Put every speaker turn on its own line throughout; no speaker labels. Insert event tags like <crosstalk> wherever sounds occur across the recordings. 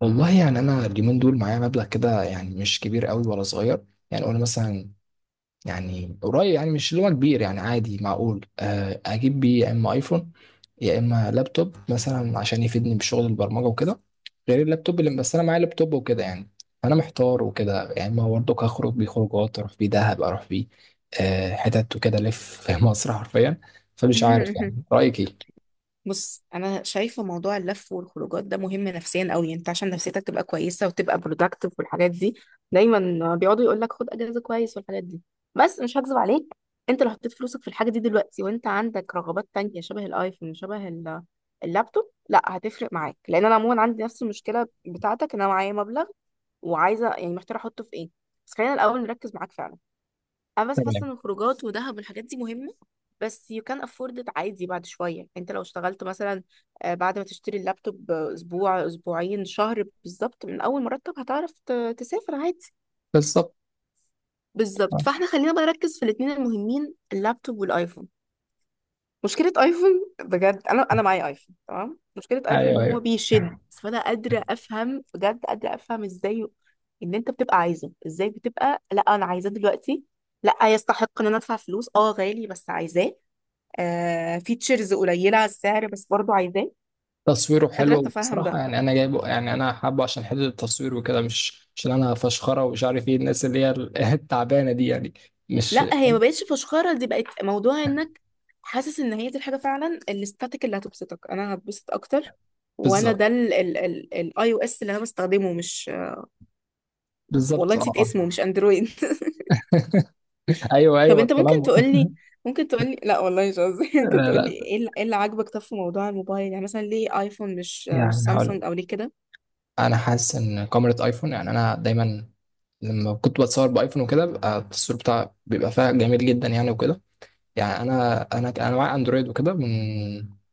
والله يعني انا اليومين دول معايا مبلغ كده يعني مش كبير قوي ولا صغير. يعني قلنا مثلا يعني قريب، يعني مش اللي هو كبير، يعني عادي معقول، اجيب بيه يا اما ايفون يا اما لابتوب مثلا عشان يفيدني بشغل البرمجه وكده، غير اللابتوب اللي بس انا معايا لابتوب وكده يعني. فانا محتار وكده يعني، ما برضك هخرج بيه خروجات، اروح بيه دهب، اروح بيه حتت وكده، الف في <laughs> مصر حرفيا. فمش عارف يعني
<laughs>
رايك ايه؟
بص، انا شايفه موضوع اللف والخروجات ده مهم نفسيا قوي. انت عشان نفسيتك تبقى كويسه وتبقى productive والحاجات دي دايما بيقعدوا يقول لك خد اجازه كويس والحاجات دي. بس مش هكذب عليك، انت لو حطيت فلوسك في الحاجه دي دلوقتي وانت عندك رغبات تانية شبه الايفون شبه اللابتوب، لا هتفرق معاك. لان انا عموما عندي نفس المشكله بتاعتك، ان انا معايا مبلغ وعايزه، يعني محتاجه احطه في ايه. بس خلينا الاول نركز معاك فعلا. انا بس حاسه
تمام.
ان الخروجات ودهب والحاجات دي مهمه، بس you can afford it عادي بعد شويه. يعني انت لو اشتغلت مثلا، بعد ما تشتري اللابتوب، اسبوع اسبوعين شهر بالظبط من اول مرتب هتعرف تسافر عادي.
بالظبط. آه.
بالظبط، فاحنا خلينا بقى نركز في الاثنين المهمين، اللابتوب والايفون. مشكلة ايفون، بجد انا معايا ايفون تمام. مشكلة ايفون ان
ايوه،
هو
أيوه.
بيشد، فانا قادرة افهم، بجد قادرة افهم ازاي ان انت بتبقى عايزه، ازاي بتبقى لا انا عايزاه دلوقتي، لا يستحق ان انا ادفع فلوس، اه غالي بس عايزاه. فيتشرز قليلة على السعر بس برضو عايزاه.
تصويره
قادرة
حلو،
اتفهم
وبصراحة
ده.
يعني أنا جايبه يعني أنا حابه عشان حتة التصوير وكده، مش عشان أنا فشخرة ومش عارف إيه الناس اللي هي <laughs> التعبانة دي يعني. مش.
لا، هي ما بقتش فشخرة، دي بقت موضوع انك حاسس ان هي دي الحاجة فعلا، الاستاتيك اللي هتبسطك، انا هتبسط اكتر. وانا
بالظبط
ده الاي او اس اللي انا بستخدمه، مش... والله
بالظبط
نسيت اسمه،
أه.
مش اندرويد. <laughs>
أيوه
طب
أيوه
انت ممكن
التنمر <laughs>
تقولي، ممكن تقولي، لا والله مش قصدي، <laughs> ممكن
لا
تقولي
لا،
إيه اللي عاجبك؟ طب في موضوع الموبايل، يعني مثلا ليه ايفون مش
يعني هقول
سامسونج او
لك.
ليه كده؟
أنا حاسس إن كاميرا أيفون يعني أنا دايما لما كنت بتصور بأيفون وكده بيبقى التصوير بتاع بيبقى فيها جميل جدا يعني وكده. يعني أنا معايا أندرويد وكده من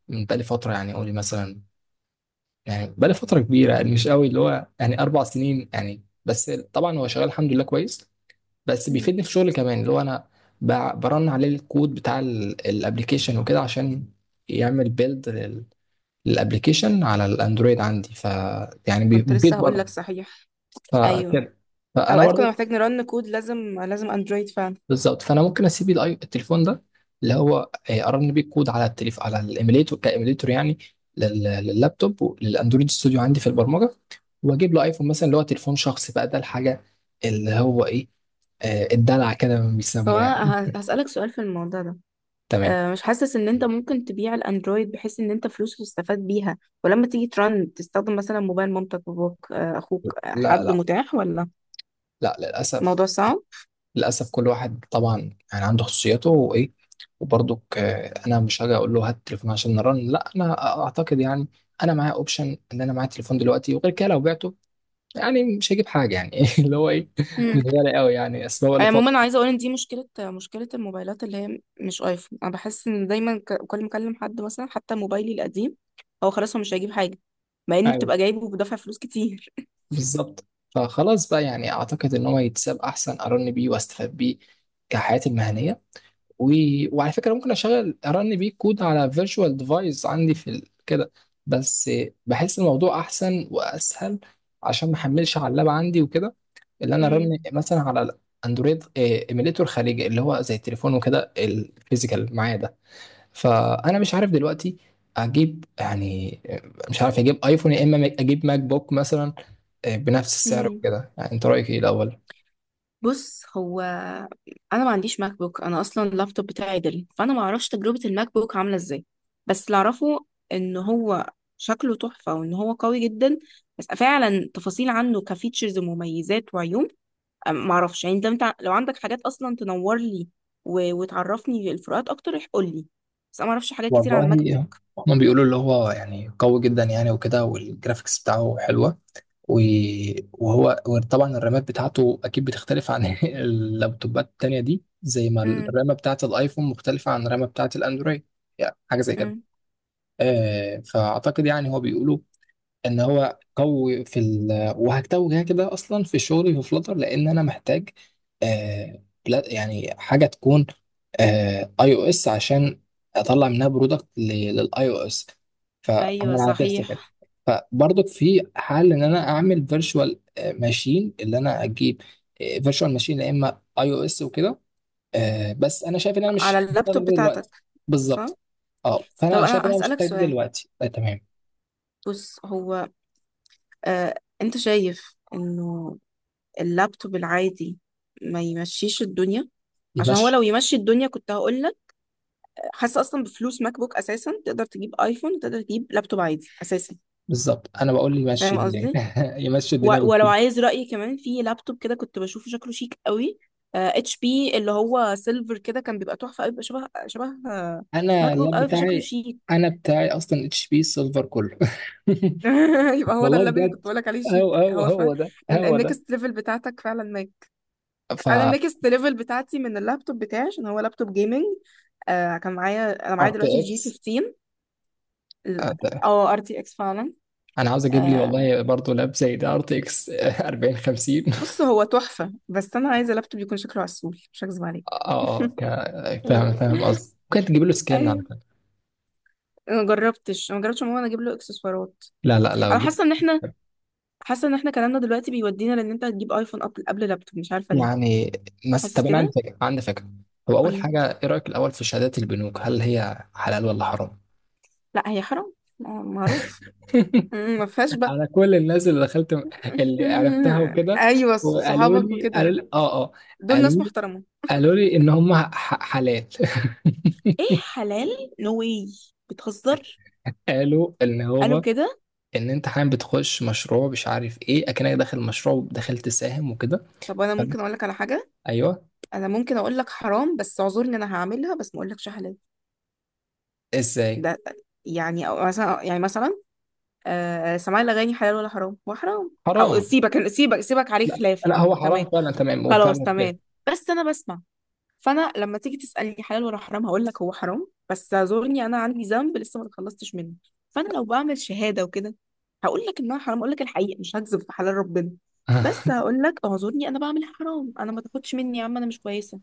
بقالي فترة يعني، قولي مثلا يعني بقالي فترة كبيرة يعني، مش قوي اللي هو يعني أربع سنين يعني، بس طبعا هو شغال الحمد لله كويس. بس
مم.
بيفيدني في شغلي كمان اللي هو أنا برن عليه الكود بتاع الابلكيشن وكده عشان يعمل بيلد للابلكيشن على الأندرويد عندي. ف يعني
كنت لسه
مفيد
هقول لك
برضه.
صحيح. ايوه،
فكده، فأنا
اوقات كنا
برضه.
محتاج نرن كود، لازم لازم اندرويد فعلا.
بالظبط، فانا ممكن اسيب التليفون ده اللي هو ارن بيه كود على التليف على الايميليتور كايميليتور يعني، لللابتوب وللاندرويد ستوديو عندي في البرمجه، واجيب له ايفون مثلا اللي هو تليفون شخصي بقى. ده الحاجه اللي هو ايه، الدلع كده ما
طب
بيسموه يعني.
انا هسألك سؤال في الموضوع ده.
تمام.
مش حاسس ان انت ممكن تبيع الاندرويد بحيث ان انت فلوس تستفاد بيها، ولما تيجي ترن تستخدم مثلا موبايل مامتك، باباك، اخوك،
لا
حد
لا،
متاح، ولا
لا للأسف.
الموضوع صعب؟
للأسف كل واحد طبعا يعني عنده خصوصيته وإيه، وبرضك أنا مش هاجي أقول له هات التليفون عشان نرن. لا، أنا أعتقد يعني أنا معايا أوبشن إن أنا معايا تليفون دلوقتي، وغير كده لو بعته يعني مش هجيب حاجة يعني. <laughs> اللي هو ايه، مش غالي قوي يعني، اصل هو له فترة.
عموما عايزه اقول ان دي مشكله، مشكله الموبايلات اللي هي مش ايفون. انا بحس ان دايما كل ما اكلم حد مثلا حتى موبايلي القديم، هو خلاص هو مش هيجيب حاجه، مع ان
ايوه.
بتبقى جايبه بدفع فلوس كتير.
بالظبط. فخلاص بقى يعني اعتقد ان هو يتساب احسن، ارن بيه واستفاد بيه كحياتي المهنية. و... وعلى فكرة ممكن اشغل ارن بيه كود على فيرتشوال ديفايس عندي في ال كده. بس بحس الموضوع احسن واسهل عشان ما احملش على اللاب عندي وكده، اللي انا
امم
رن مثلا على اندرويد ايميليتور خارجي اللي هو زي التليفون وكده الفيزيكال معايا ده. فانا مش عارف دلوقتي اجيب يعني، مش عارف اجيب ايفون يا اما اجيب ماك بوك مثلا بنفس السعر
امم
وكده. يعني انت رايك ايه الاول؟
بص هو، انا ما عنديش ماك بوك، انا اصلا اللابتوب بتاعي ديل، فانا ما اعرفش تجربه الماك بوك عامله ازاي. بس اللي اعرفه ان هو شكله تحفه وان هو قوي جدا، بس فعلا تفاصيل عنه كفيتشرز ومميزات وعيوب معرفش. يعني لو انت، لو عندك حاجات اصلا تنور لي و... وتعرفني الفروقات اكتر، قول لي. بس انا معرفش حاجات كتير
والله
عن ماك بوك.
هما بيقولوا اللي هو يعني قوي جدا يعني وكده والجرافيكس بتاعه حلوة، و- وهو وطبعا الرامات بتاعته أكيد بتختلف عن <laughs> اللابتوبات التانية دي، زي ما
امم
الرامة بتاعة الآيفون مختلفة عن الرامة بتاعة الأندرويد يعني، حاجة زي كده.
امم
فأعتقد يعني هو بيقولوا ان هو قوي في ال، وهكتبه كده كده اصلا في شغلي في فلاتر لان انا محتاج آه يعني حاجه تكون اي او اس عشان اطلع منها برودكت للاي او اس. فانا
ايوه
عدلت كده.
صحيح.
فبرضك في حل ان انا اعمل فيرتشوال ماشين، اللي انا اجيب فيرتشوال ماشين يا اما اي او اس وكده. بس انا شايف ان انا مش
على
هحتاج
اللابتوب
ده دلوقتي.
بتاعتك، صح.
بالظبط. اه،
طب
فانا
انا
شايف ان انا مش
هسألك
هحتاج ده
سؤال.
دلوقتي. تمام.
بص هو، انت شايف انه اللابتوب العادي ما يمشيش الدنيا؟
يبقى.
عشان هو لو يمشي الدنيا كنت هقول لك، حاسه اصلا بفلوس ماك بوك اساسا تقدر تجيب ايفون، تقدر تجيب لابتوب عادي اساسا.
بالظبط، انا بقول لي مشي
فاهم
الدنيا
قصدي؟
<laughs> يمشي الدنيا
و- ولو
بكتير.
عايز رأيي كمان في لابتوب كده، كنت بشوفه شكله شيك قوي. اتش بي اللي هو سيلفر كده، كان بيبقى تحفة قوي، بيبقى شبه شبه
انا
ماك بوك
اللاب
قوي، فشكله
بتاعي،
شيك.
انا بتاعي اصلا اتش بي سيلفر كله.
<laughs> يبقى
<laughs>
هو ده
والله
الليفل اللي كنت
بجد،
بقولك عليه،
هو
شيك،
هو
هو فاهم.
هو ده
ان
هو ده.
النكست ليفل بتاعتك فعلا ماك.
ف
انا النكست ليفل بتاعتي من اللابتوب بتاعي، عشان هو لابتوب جيمنج. كان معايا، انا
ار
معايا
تي
دلوقتي جي
اكس.
15. اه، ار تي اكس فعلا.
انا عاوز اجيب لي
آه
والله برضه لاب زي ده ار تي اكس 40 50.
بص هو تحفة، بس انا عايزة لابتوب يكون شكله عسول، مش هكذب
<laughs>
عليك.
اه اه، فاهم فاهم
<laughs>
قصدي، ممكن تجيب له سكان على
ايوه.
فكره.
انا ما جربتش، أنا ما جربتش عموما اجيب له اكسسوارات.
لا لا، لو
انا
جبت.
حاسه ان احنا، حاسه ان احنا كلامنا دلوقتي بيودينا، لان انت هتجيب ايفون قبل لابتوب، مش عارفه ليه.
يعني مثلا،
حاسس
طب انا عندي
كده.
فكره عندي فكره، هو اول
قولي.
حاجه ايه رايك الاول في شهادات البنوك، هل هي حلال ولا حرام؟
لا، هي حرام. لا، معروف.
<laughs>
مم، ما فيهاش بقى.
على كل الناس اللي دخلت اللي عرفتها
<laughs>
وكده،
ايوه،
وقالوا
صحابك
لي قالوا
وكده.
لي اه اه،
دول ناس
قالوا لي
محترمه.
قالوا لي ان هم حالات
ايه،
<laughs>
حلال؟ نو واي. بتهزر.
قالوا ان
قالوا
هو
كده.
ان انت حاليا بتخش مشروع مش عارف ايه، اكنك داخل مشروع وداخل تساهم وكده.
طب انا
فاهم؟
ممكن اقول لك على حاجه.
ايوه.
انا ممكن اقول لك حرام بس اعذرني انا هعملها، بس ما اقولكش حلال.
ازاي؟
ده يعني، أو مثلا، يعني مثلا، سماع الأغاني حلال ولا حرام؟ وحرام. أو
حرام.
سيبك سيبك سيبك، عليه
لا
خلاف يا
لا، هو
عم،
حرام
تمام.
فعلا، تمام، هو
خلاص
فعلا فاهم.
تمام. بس أنا بسمع. فأنا لما تيجي تسألني حلال ولا حرام، هقول لك هو حرام، بس اعذرني أنا عندي ذنب لسه ما اتخلصتش منه. فأنا لو بعمل شهادة وكده، هقول لك إنها حرام، أقول لك الحقيقة، مش هكذب في حلال ربنا. بس
<laughs>
هقول لك اعذرني، أنا بعمل حرام، أنا ما تاخدش مني يا عم، أنا مش كويسة.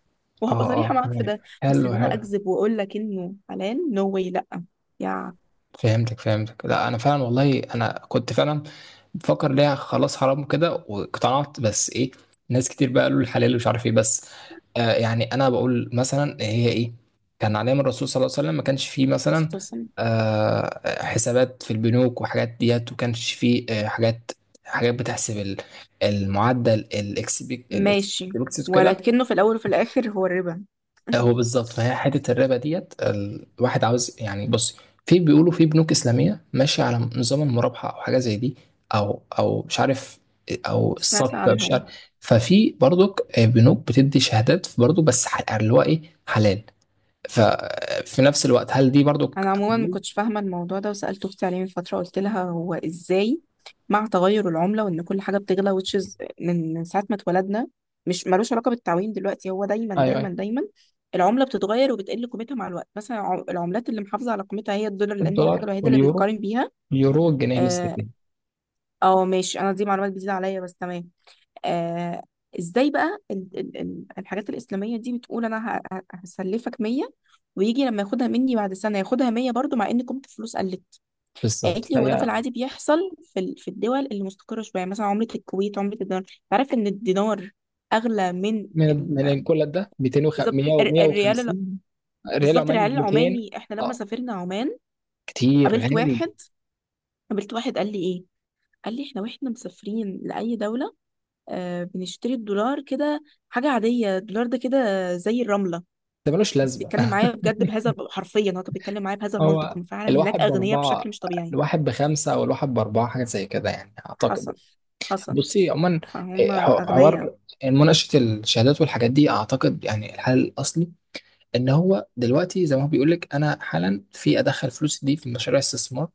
اه
وهبقى صريحة
اه،
معاك في
تمام.
ده. بس
حلو
إن أنا
حلو.
أكذب وأقول لك إنه حلال، نو no واي، لأ.
فهمتك فهمتك، لا انا فعلا والله انا كنت فعلا بفكر ليه، خلاص حرام كده واقتنعت، بس ايه، ناس كتير بقى قالوا الحلال مش عارف ايه. بس آه يعني انا بقول مثلا هي ايه، كان عليها من الرسول صلى الله عليه وسلم، ما كانش فيه مثلا
يا
آه حسابات في البنوك وحاجات ديت، وكانش فيه آه حاجات، حاجات بتحسب المعدل الاكس بي، الاكس.
ماشي. ولكنه في الأول وفي الآخر هو الربا.
هو بالظبط، فهي حته الربا ديت الواحد عاوز يعني. بص، في بيقولوا في بنوك اسلاميه ماشيه على نظام المرابحه او حاجه زي دي، او او مش عارف، او
سمعت
السبق أو مش عارف.
عنهم.
ففي برضك بنوك بتدي شهادات برضه، بس يعني اللي هو ايه، حلال. ففي نفس الوقت هل دي برضك
أنا عموما ما
حلال؟
كنتش فاهمة الموضوع ده، وسألت أختي عليه من فترة، قلت لها هو إزاي مع تغير العملة وإن كل حاجة بتغلى، which is من ساعة ما اتولدنا، مش ملوش علاقة بالتعويم دلوقتي، هو دايما
ايوه
دايما
ايوه.
دايما العملة بتتغير وبتقل قيمتها مع الوقت. مثلا العملات اللي محافظة على قيمتها هي الدولار، لأن هي الحاجة
الدولار
الوحيدة اللي
واليورو.
بتقارن بيها.
اليورو والجنيه
اه.
الاسترليني.
ماشي، أنا دي معلومات جديدة عليا، بس تمام. آه ازاي بقى ال ال ال الحاجات الإسلامية دي بتقول، أنا هسلفك 100 ويجي لما ياخدها مني بعد سنة ياخدها 100 برضو، مع إن كنت فلوس قلت؟
بالظبط.
قالت لي هو ده في
فهي
العادي بيحصل في ال، في الدول اللي مستقرة شوية، يعني مثلا عملة الكويت، عملة الدينار. تعرف إن الدينار أغلى من
من
ال...
من كل ده،
بالظبط، الريال
250 ريال
بالظبط
عماني
الريال
ب 200.
العماني. إحنا لما
اه
سافرنا عمان،
كتير
قابلت
غالي.
واحد، قال لي إيه، قال لي إحنا وإحنا مسافرين لأي دولة، بنشتري الدولار كده، حاجة عادية، الدولار ده كده زي الرملة.
ده ملوش
كان
لازمة.
بيتكلم معايا بجد، بهذا حرفيا هو كان بيتكلم معايا بهذا
<laughs>
المنطق.
هو
هم فعلا هناك
الواحد
أغنياء بشكل
بأربعة،
مش طبيعي.
الواحد بخمسة أو الواحد بأربعة، حاجة زي كده يعني أعتقد.
حصل، حصل.
بصي عموما،
فهم
إيه،
أغنياء.
حوار مناقشة الشهادات والحاجات دي، أعتقد يعني الحل الأصلي إن هو دلوقتي زي ما هو بيقول لك، أنا حالا في أدخل فلوس دي في مشاريع استثمار.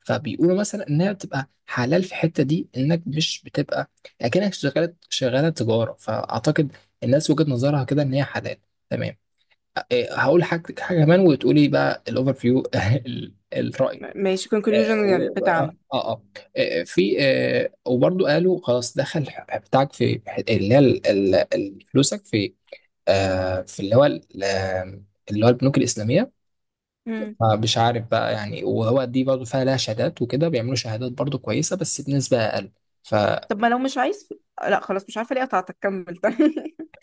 فبيقولوا مثلا إنها بتبقى حلال في الحتة دي، إنك مش بتبقى أكنك شغالة، شغالة تجارة. فأعتقد الناس وجهة نظرها كده إن هي حلال. تمام. إيه، هقول حاجة حاجة كمان وتقولي بقى الأوفر فيو. <laughs> الرأي.
ماشي،
آه،
conclusion
و- آه,
بتاعنا.
آه, في آه وبرضو قالوا خلاص دخل بتاعك في، اللي هي فلوسك في آه في اللي هو اللي هو البنوك الإسلامية.
مم.
فمش عارف بقى يعني، وهو دي برضو فيها لها شهادات وكده، بيعملوا شهادات برضو كويسة بس بنسبة أقل.
طب ما لو مش عايز، لا خلاص، مش عارفة ليه قطعتك، كمل طيب.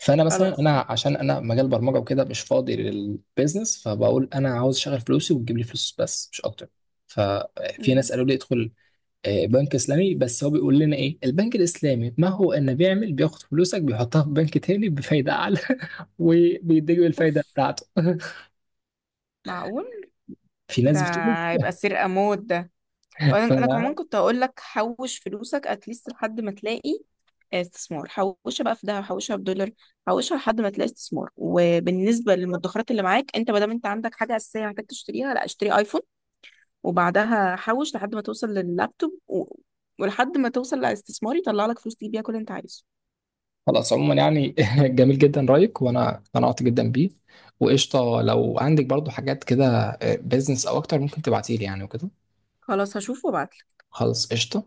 فانا مثلا
خلاص
انا
كمل.
عشان انا مجال برمجه وكده، مش فاضي للبيزنس، فبقول انا عاوز اشغل فلوسي وتجيب لي فلوس بس، مش اكتر. ففي
مم.
ناس قالوا لي ادخل بنك اسلامي، بس هو بيقول لنا ايه البنك الاسلامي، ما هو انه بيعمل بياخد فلوسك بيحطها في بنك تاني بفايده اعلى <laughs> وبيديك الفايده
أوف،
بتاعته.
معقول.
<laughs> في
ده
ناس بتقول.
هيبقى سرقة موت ده.
<laughs>
انا كمان
فخلاص.
كنت هقول لك حوش فلوسك اتليست لحد ما تلاقي استثمار. حوشها بقى في دهب، حوشها في دولار، حوشها لحد ما تلاقي استثمار. وبالنسبه للمدخرات اللي معاك انت، ما دام انت عندك حاجه اساسيه محتاج تشتريها، لا اشتري ايفون وبعدها حوش لحد ما توصل لللابتوب و... ولحد ما توصل لاستثمار يطلع لك فلوس تجيب بيها كل اللي انت عايزه.
عموما يعني <laughs> جميل جدا رايك وانا اقتنعت جدا بيه. وقشطه لو عندك برضو حاجات كده بيزنس او اكتر، ممكن تبعتيلي يعني وكده.
خلاص هشوف وابعت.
خلاص قشطه.